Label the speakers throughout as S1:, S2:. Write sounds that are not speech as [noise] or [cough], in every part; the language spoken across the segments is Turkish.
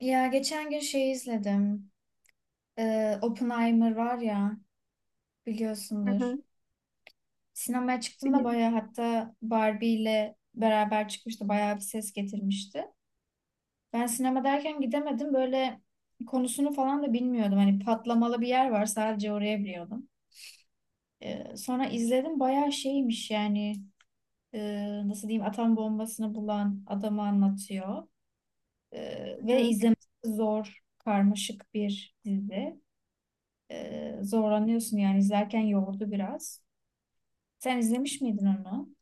S1: Ya geçen gün şey izledim. Oppenheimer var ya
S2: Hı
S1: biliyorsundur.
S2: hı,
S1: Sinemaya çıktığında
S2: biliyorum.
S1: bayağı hatta Barbie ile beraber çıkmıştı. Bayağı bir ses getirmişti. Ben sinema derken gidemedim. Böyle konusunu falan da bilmiyordum. Hani patlamalı bir yer var sadece oraya biliyordum. Sonra izledim bayağı şeymiş yani nasıl diyeyim atom bombasını bulan adamı anlatıyor.
S2: Hı
S1: Ve
S2: hı.
S1: izlemesi zor karmaşık bir dizi. Zorlanıyorsun yani izlerken yordu biraz. Sen izlemiş miydin onu?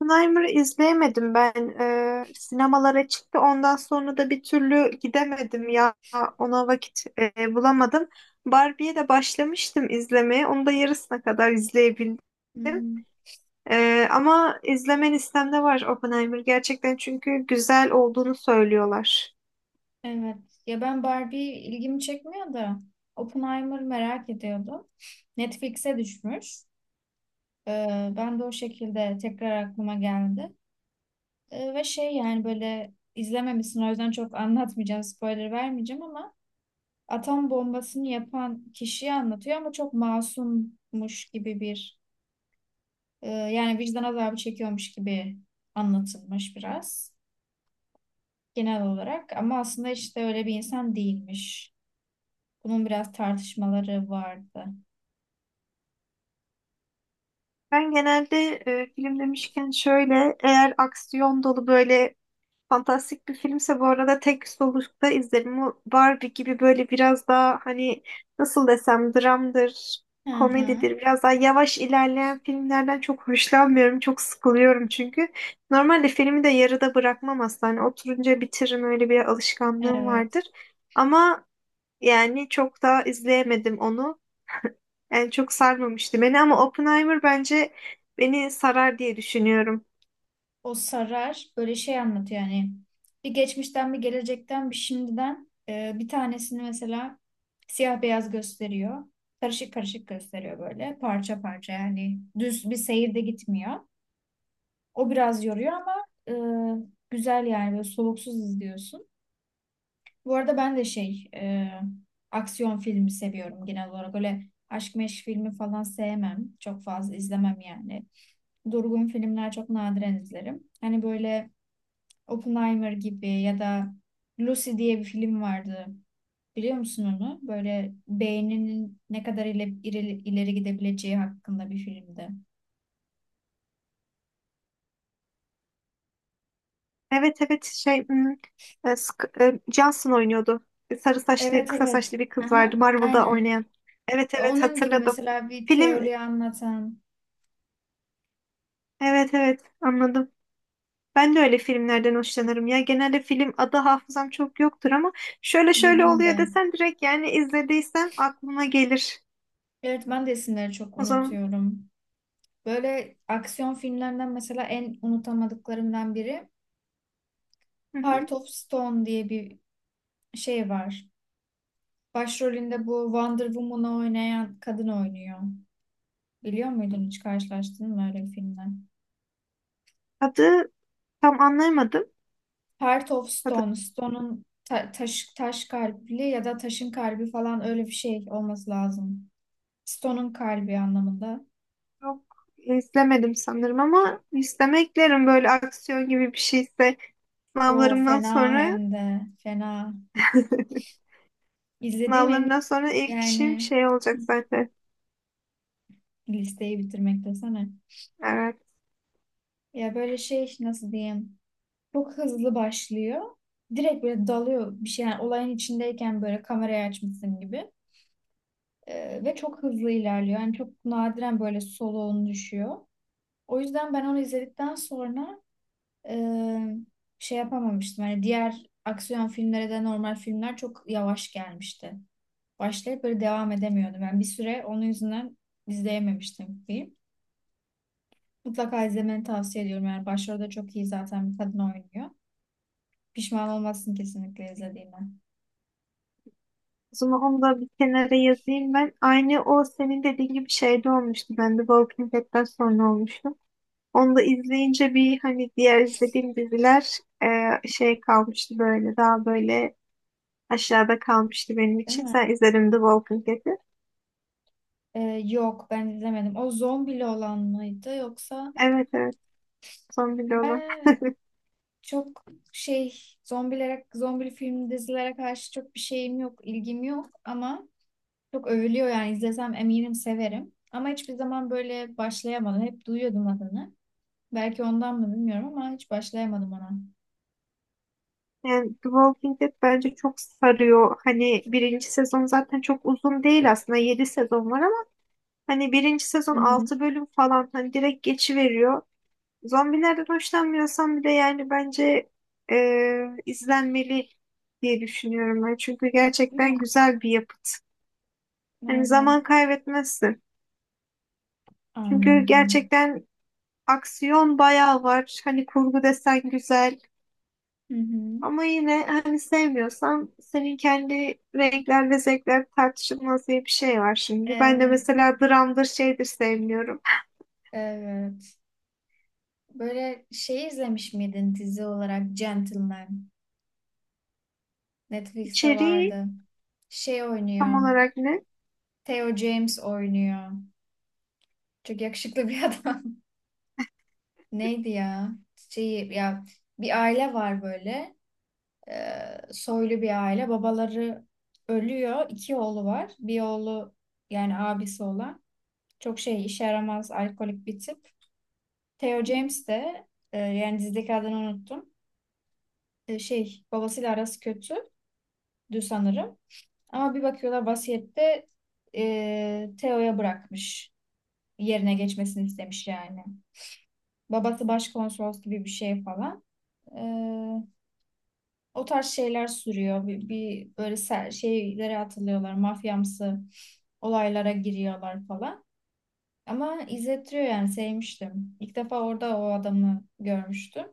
S2: Oppenheimer'ı izleyemedim ben. Sinemalara çıktı. Ondan sonra da bir türlü gidemedim ya. Ona vakit bulamadım. Barbie'ye de başlamıştım izlemeye. Onu da yarısına kadar izleyebildim.
S1: Hmm.
S2: Ama izlemen listemde var Oppenheimer gerçekten çünkü güzel olduğunu söylüyorlar.
S1: Evet. Ya ben Barbie ilgimi çekmiyor da Oppenheimer merak ediyordum. Netflix'e düşmüş. Ben de o şekilde tekrar aklıma geldi. Ve şey yani böyle izlememişsin o yüzden çok anlatmayacağım, spoiler vermeyeceğim ama atom bombasını yapan kişiyi anlatıyor ama çok masummuş gibi bir yani vicdan azabı çekiyormuş gibi anlatılmış biraz. Genel olarak ama aslında işte öyle bir insan değilmiş. Bunun biraz tartışmaları vardı.
S2: Ben genelde film demişken şöyle eğer aksiyon dolu böyle fantastik bir filmse bu arada tek solukta izlerim. Bu Barbie gibi böyle biraz daha hani nasıl desem dramdır,
S1: Hı hı.
S2: komedidir. Biraz daha yavaş ilerleyen filmlerden çok hoşlanmıyorum. Çok sıkılıyorum çünkü. Normalde filmi de yarıda bırakmam aslında. Hani oturunca bitiririm, öyle bir alışkanlığım
S1: Evet.
S2: vardır. Ama yani çok daha izleyemedim onu. Yani çok sarmamıştı beni ama Oppenheimer bence beni sarar diye düşünüyorum.
S1: O sarar böyle şey anlatıyor yani bir geçmişten bir gelecekten bir şimdiden bir tanesini mesela siyah beyaz gösteriyor. Karışık karışık gösteriyor böyle parça parça yani düz bir seyirde gitmiyor. O biraz yoruyor ama e, güzel yani böyle soluksuz izliyorsun. Bu arada ben de şey aksiyon filmi seviyorum genel olarak. Öyle aşk meşk filmi falan sevmem. Çok fazla izlemem yani. Durgun filmler çok nadiren izlerim. Hani böyle Oppenheimer gibi ya da Lucy diye bir film vardı. Biliyor musun onu? Böyle beyninin ne kadar ileri, ileri, ileri gidebileceği hakkında bir filmdi.
S2: Evet evet, şey, hmm, Johnson oynuyordu. Sarı saçlı,
S1: Evet,
S2: kısa
S1: evet.
S2: saçlı bir kız vardı
S1: Aha.
S2: Marvel'da
S1: Aynen.
S2: oynayan. Evet evet,
S1: Onun gibi
S2: hatırladım.
S1: mesela bir
S2: Film,
S1: teori anlatan
S2: evet evet, anladım. Ben de öyle filmlerden hoşlanırım ya. Genelde film adı hafızam çok yoktur ama şöyle şöyle
S1: benim
S2: oluyor
S1: de.
S2: desen direkt yani izlediysem aklıma gelir.
S1: Evet, ben de isimleri çok
S2: O zaman
S1: unutuyorum. Böyle aksiyon filmlerinden mesela en unutamadıklarımdan biri
S2: hı hı.
S1: Heart of Stone diye bir şey var. Başrolünde bu Wonder Woman'ı oynayan kadın oynuyor. Biliyor muydun, hiç karşılaştın mı öyle bir filmle?
S2: Adı tam anlayamadım.
S1: Heart of
S2: Adı
S1: Stone, Stone'un taş, taş kalpli ya da taşın kalbi falan öyle bir şey olması lazım. Stone'un kalbi anlamında.
S2: çok izlemedim sanırım ama listeme eklerim böyle aksiyon gibi bir şeyse
S1: O
S2: sınavlarımdan
S1: fena, hem
S2: sonra.
S1: de fena. İzlediğim en iyi
S2: Sınavlarından sonra ilk işim
S1: yani,
S2: şey olacak zaten.
S1: listeyi bitirmek desene.
S2: Evet.
S1: Ya böyle şey, nasıl diyeyim? Çok hızlı başlıyor. Direkt böyle dalıyor bir şey. Yani olayın içindeyken böyle kamerayı açmışsın gibi. Ve çok hızlı ilerliyor. Yani çok nadiren böyle soluğun düşüyor. O yüzden ben onu izledikten sonra e, şey yapamamıştım. Hani diğer aksiyon filmlere de, normal filmler çok yavaş gelmişti. Başlayıp böyle devam edemiyordum. Ben bir süre onun yüzünden izleyememiştim film. Mutlaka izlemeni tavsiye ediyorum. Yani başrolde çok iyi zaten bir kadın oynuyor. Pişman olmazsın kesinlikle izlediğine.
S2: O zaman onu da bir kenara yazayım ben. Aynı o senin dediğin gibi şeyde olmuştu. Ben de Walking Dead'den sonra olmuştu. Onu da izleyince bir hani diğer izlediğim diziler şey kalmıştı böyle, daha böyle aşağıda kalmıştı benim
S1: Değil
S2: için.
S1: mi?
S2: Sen izledin The Walking Dead'i.
S1: Yok, ben izlemedim. O zombili olan mıydı yoksa?
S2: Evet evet. Son bile olan.
S1: Ben çok şey, zombilere, zombili film dizilere karşı çok bir şeyim yok, ilgim yok ama çok övülüyor, yani izlesem eminim severim. Ama hiçbir zaman böyle başlayamadım. Hep duyuyordum adını. Belki ondan mı bilmiyorum ama hiç başlayamadım ona.
S2: Yani The Walking Dead bence çok sarıyor. Hani birinci sezon zaten çok uzun değil aslında. 7 sezon var, hani birinci sezon
S1: Hı hı.
S2: 6 bölüm falan, hani direkt geçiveriyor. Zombilerden hoşlanmıyorsam bir de yani bence izlenmeli diye düşünüyorum ben. Çünkü
S1: Değil
S2: gerçekten
S1: mi?
S2: güzel bir yapıt. Hani
S1: Merve.
S2: zaman kaybetmezsin. Çünkü
S1: Anladım.
S2: gerçekten aksiyon bayağı var. Hani kurgu desen güzel.
S1: Hı hı.
S2: Ama yine hani sevmiyorsan, senin kendi renkler ve zevkler tartışılmaz diye bir şey var şimdi. Ben de
S1: Evet.
S2: mesela dramdır şeydir sevmiyorum.
S1: Evet. Böyle şey izlemiş miydin, dizi olarak Gentleman? Netflix'te
S2: İçeriği
S1: vardı. Şey
S2: tam
S1: oynuyor.
S2: olarak ne?
S1: Theo James oynuyor. Çok yakışıklı bir adam. [laughs] Neydi ya? Şey ya, bir aile var böyle. Soylu bir aile. Babaları ölüyor. İki oğlu var. Bir oğlu yani abisi olan. Çok şey, işe yaramaz alkolik bir tip. Theo James de yani dizideki adını unuttum. Şey babasıyla arası kötü sanırım. Ama bir bakıyorlar, vasiyette Theo'ya bırakmış. Yerine geçmesini istemiş yani. Babası başkonsolos gibi bir şey falan. E, o tarz şeyler sürüyor. Bir böyle şeylere atılıyorlar. Mafyamsı olaylara giriyorlar falan. Ama izletiyor yani, sevmiştim. İlk defa orada o adamı görmüştüm.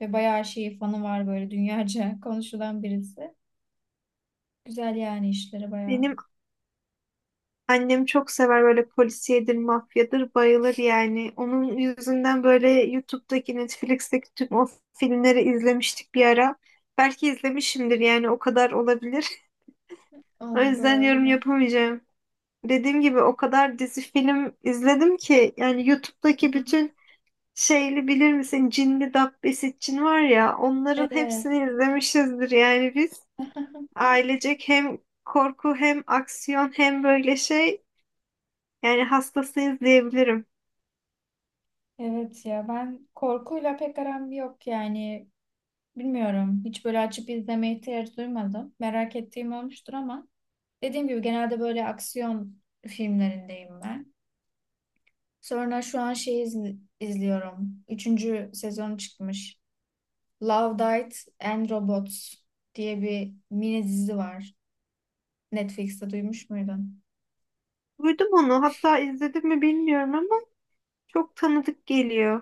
S1: Ve bayağı şeyi, fanı var böyle dünyaca [laughs] konuşulan birisi. Güzel yani işleri bayağı.
S2: Benim annem çok sever, böyle polisiyedir, mafyadır, bayılır yani. Onun yüzünden böyle YouTube'daki, Netflix'teki tüm o filmleri izlemiştik bir ara. Belki izlemişimdir yani, o kadar olabilir. [laughs] O
S1: Oldu,
S2: yüzden yorum
S1: doğru.
S2: yapamayacağım. Dediğim gibi o kadar dizi film izledim ki yani YouTube'daki
S1: [laughs]
S2: bütün şeyli, bilir misin? Cinli Dabbesi Cin var ya, onların
S1: Evet.
S2: hepsini izlemişizdir yani biz.
S1: [laughs]
S2: Ailecek hem korku hem aksiyon hem böyle şey. Yani hastasıyız diyebilirim.
S1: Evet ya, ben korkuyla pek aram yok yani, bilmiyorum, hiç böyle açıp izlemeye ihtiyaç duymadım. Merak ettiğim olmuştur ama dediğim gibi genelde böyle aksiyon filmlerindeyim ben. Sonra şu an şey izliyorum. Üçüncü sezonu çıkmış. Love, Death and Robots diye bir mini dizi var. Netflix'te duymuş muydun?
S2: Duydum onu. Hatta izledim mi bilmiyorum ama çok tanıdık geliyor.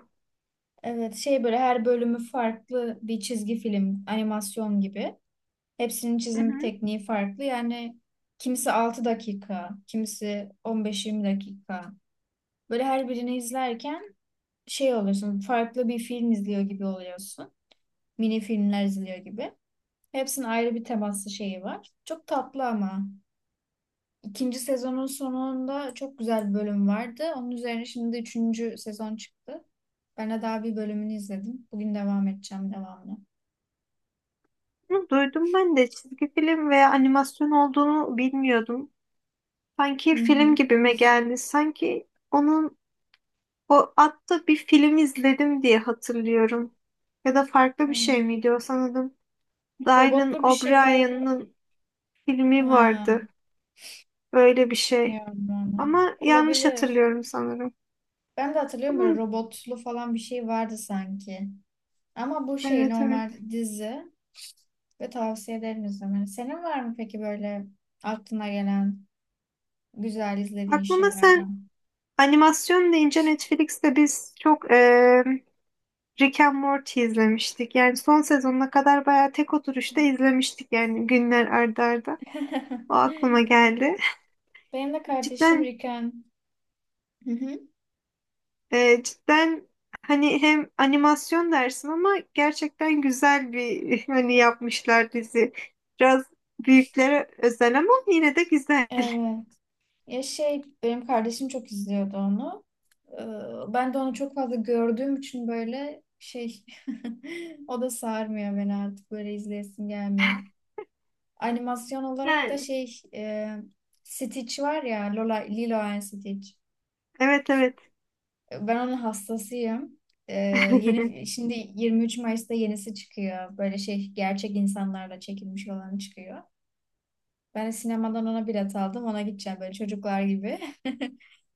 S1: Evet, şey böyle her bölümü farklı bir çizgi film, animasyon gibi. Hepsinin
S2: Hı
S1: çizim
S2: hı.
S1: tekniği farklı. Yani kimisi 6 dakika, kimisi 15-20 dakika. Böyle her birini izlerken şey oluyorsun, farklı bir film izliyor gibi oluyorsun. Mini filmler izliyor gibi. Hepsinin ayrı bir temaslı şeyi var. Çok tatlı ama. İkinci sezonun sonunda çok güzel bir bölüm vardı. Onun üzerine şimdi üçüncü sezon çıktı. Ben de daha bir bölümünü izledim. Bugün devam edeceğim devamlı.
S2: Bunu duydum, ben de çizgi film veya animasyon olduğunu bilmiyordum. Sanki
S1: Hı
S2: film
S1: hı.
S2: gibime geldi. Sanki onun o atta bir film izledim diye hatırlıyorum. Ya da
S1: Hı.
S2: farklı bir şey miydi o sanırım. Dylan
S1: Robotlu bir şeyler.
S2: O'Brien'in filmi
S1: Ha.
S2: vardı. Böyle bir şey.
S1: Bilmiyorum onu.
S2: Ama yanlış
S1: Olabilir.
S2: hatırlıyorum sanırım.
S1: Ben de hatırlıyorum, böyle
S2: Bunun,
S1: robotlu falan bir şey vardı sanki. Ama bu şey
S2: evet
S1: normal
S2: evet.
S1: dizi ve tavsiye ederim izlemeni. Senin var mı peki böyle aklına gelen güzel izlediğin
S2: Aklıma sen,
S1: şeylerden?
S2: animasyon deyince Netflix'te biz çok Rick and Morty izlemiştik. Yani son sezonuna kadar bayağı tek oturuşta izlemiştik yani günler ardarda. arda. O
S1: [laughs]
S2: aklıma geldi.
S1: Benim de kardeşim
S2: Cidden,
S1: Riken. Hı hı.
S2: cidden hani hem animasyon dersin ama gerçekten güzel bir [laughs] hani yapmışlar dizi. Biraz büyüklere özel ama yine de güzel.
S1: Evet. Ya şey, benim kardeşim çok izliyordu onu. Ben de onu çok fazla gördüğüm için böyle şey [laughs] o da sarmıyor beni artık, böyle izleyesim gelmiyor. Animasyon olarak da
S2: Yani
S1: şey Stitch var ya, Lola, Lilo and Stitch.
S2: evet evet. [laughs]
S1: Ben onun hastasıyım. E, yeni şimdi 23 Mayıs'ta yenisi çıkıyor. Böyle şey gerçek insanlarla çekilmiş olan çıkıyor. Ben de sinemadan ona bilet aldım. Ona gideceğim böyle çocuklar gibi.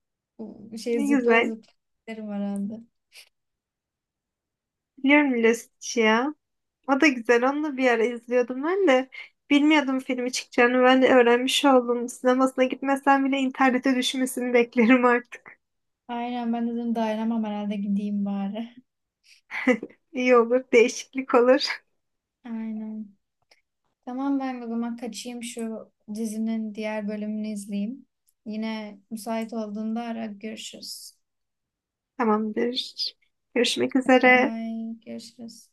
S1: [laughs] Bu şey
S2: Ne
S1: zıplaya
S2: güzel.
S1: zıplaya giderim herhalde.
S2: Biliyorum Lost'u ya. O da güzel. Onu da bir ara izliyordum ben de. Bilmiyordum filmi çıkacağını. Ben de öğrenmiş oldum. Sinemasına gitmesem bile internete düşmesini beklerim artık.
S1: Aynen, ben dedim dayanamam herhalde, gideyim bari.
S2: İyi olur. Değişiklik olur.
S1: [laughs] Aynen. Tamam, ben o zaman kaçayım şu dizinin diğer bölümünü izleyeyim. Yine müsait olduğunda ara, görüşürüz.
S2: [laughs] Tamamdır. Görüşmek üzere.
S1: Bye, görüşürüz.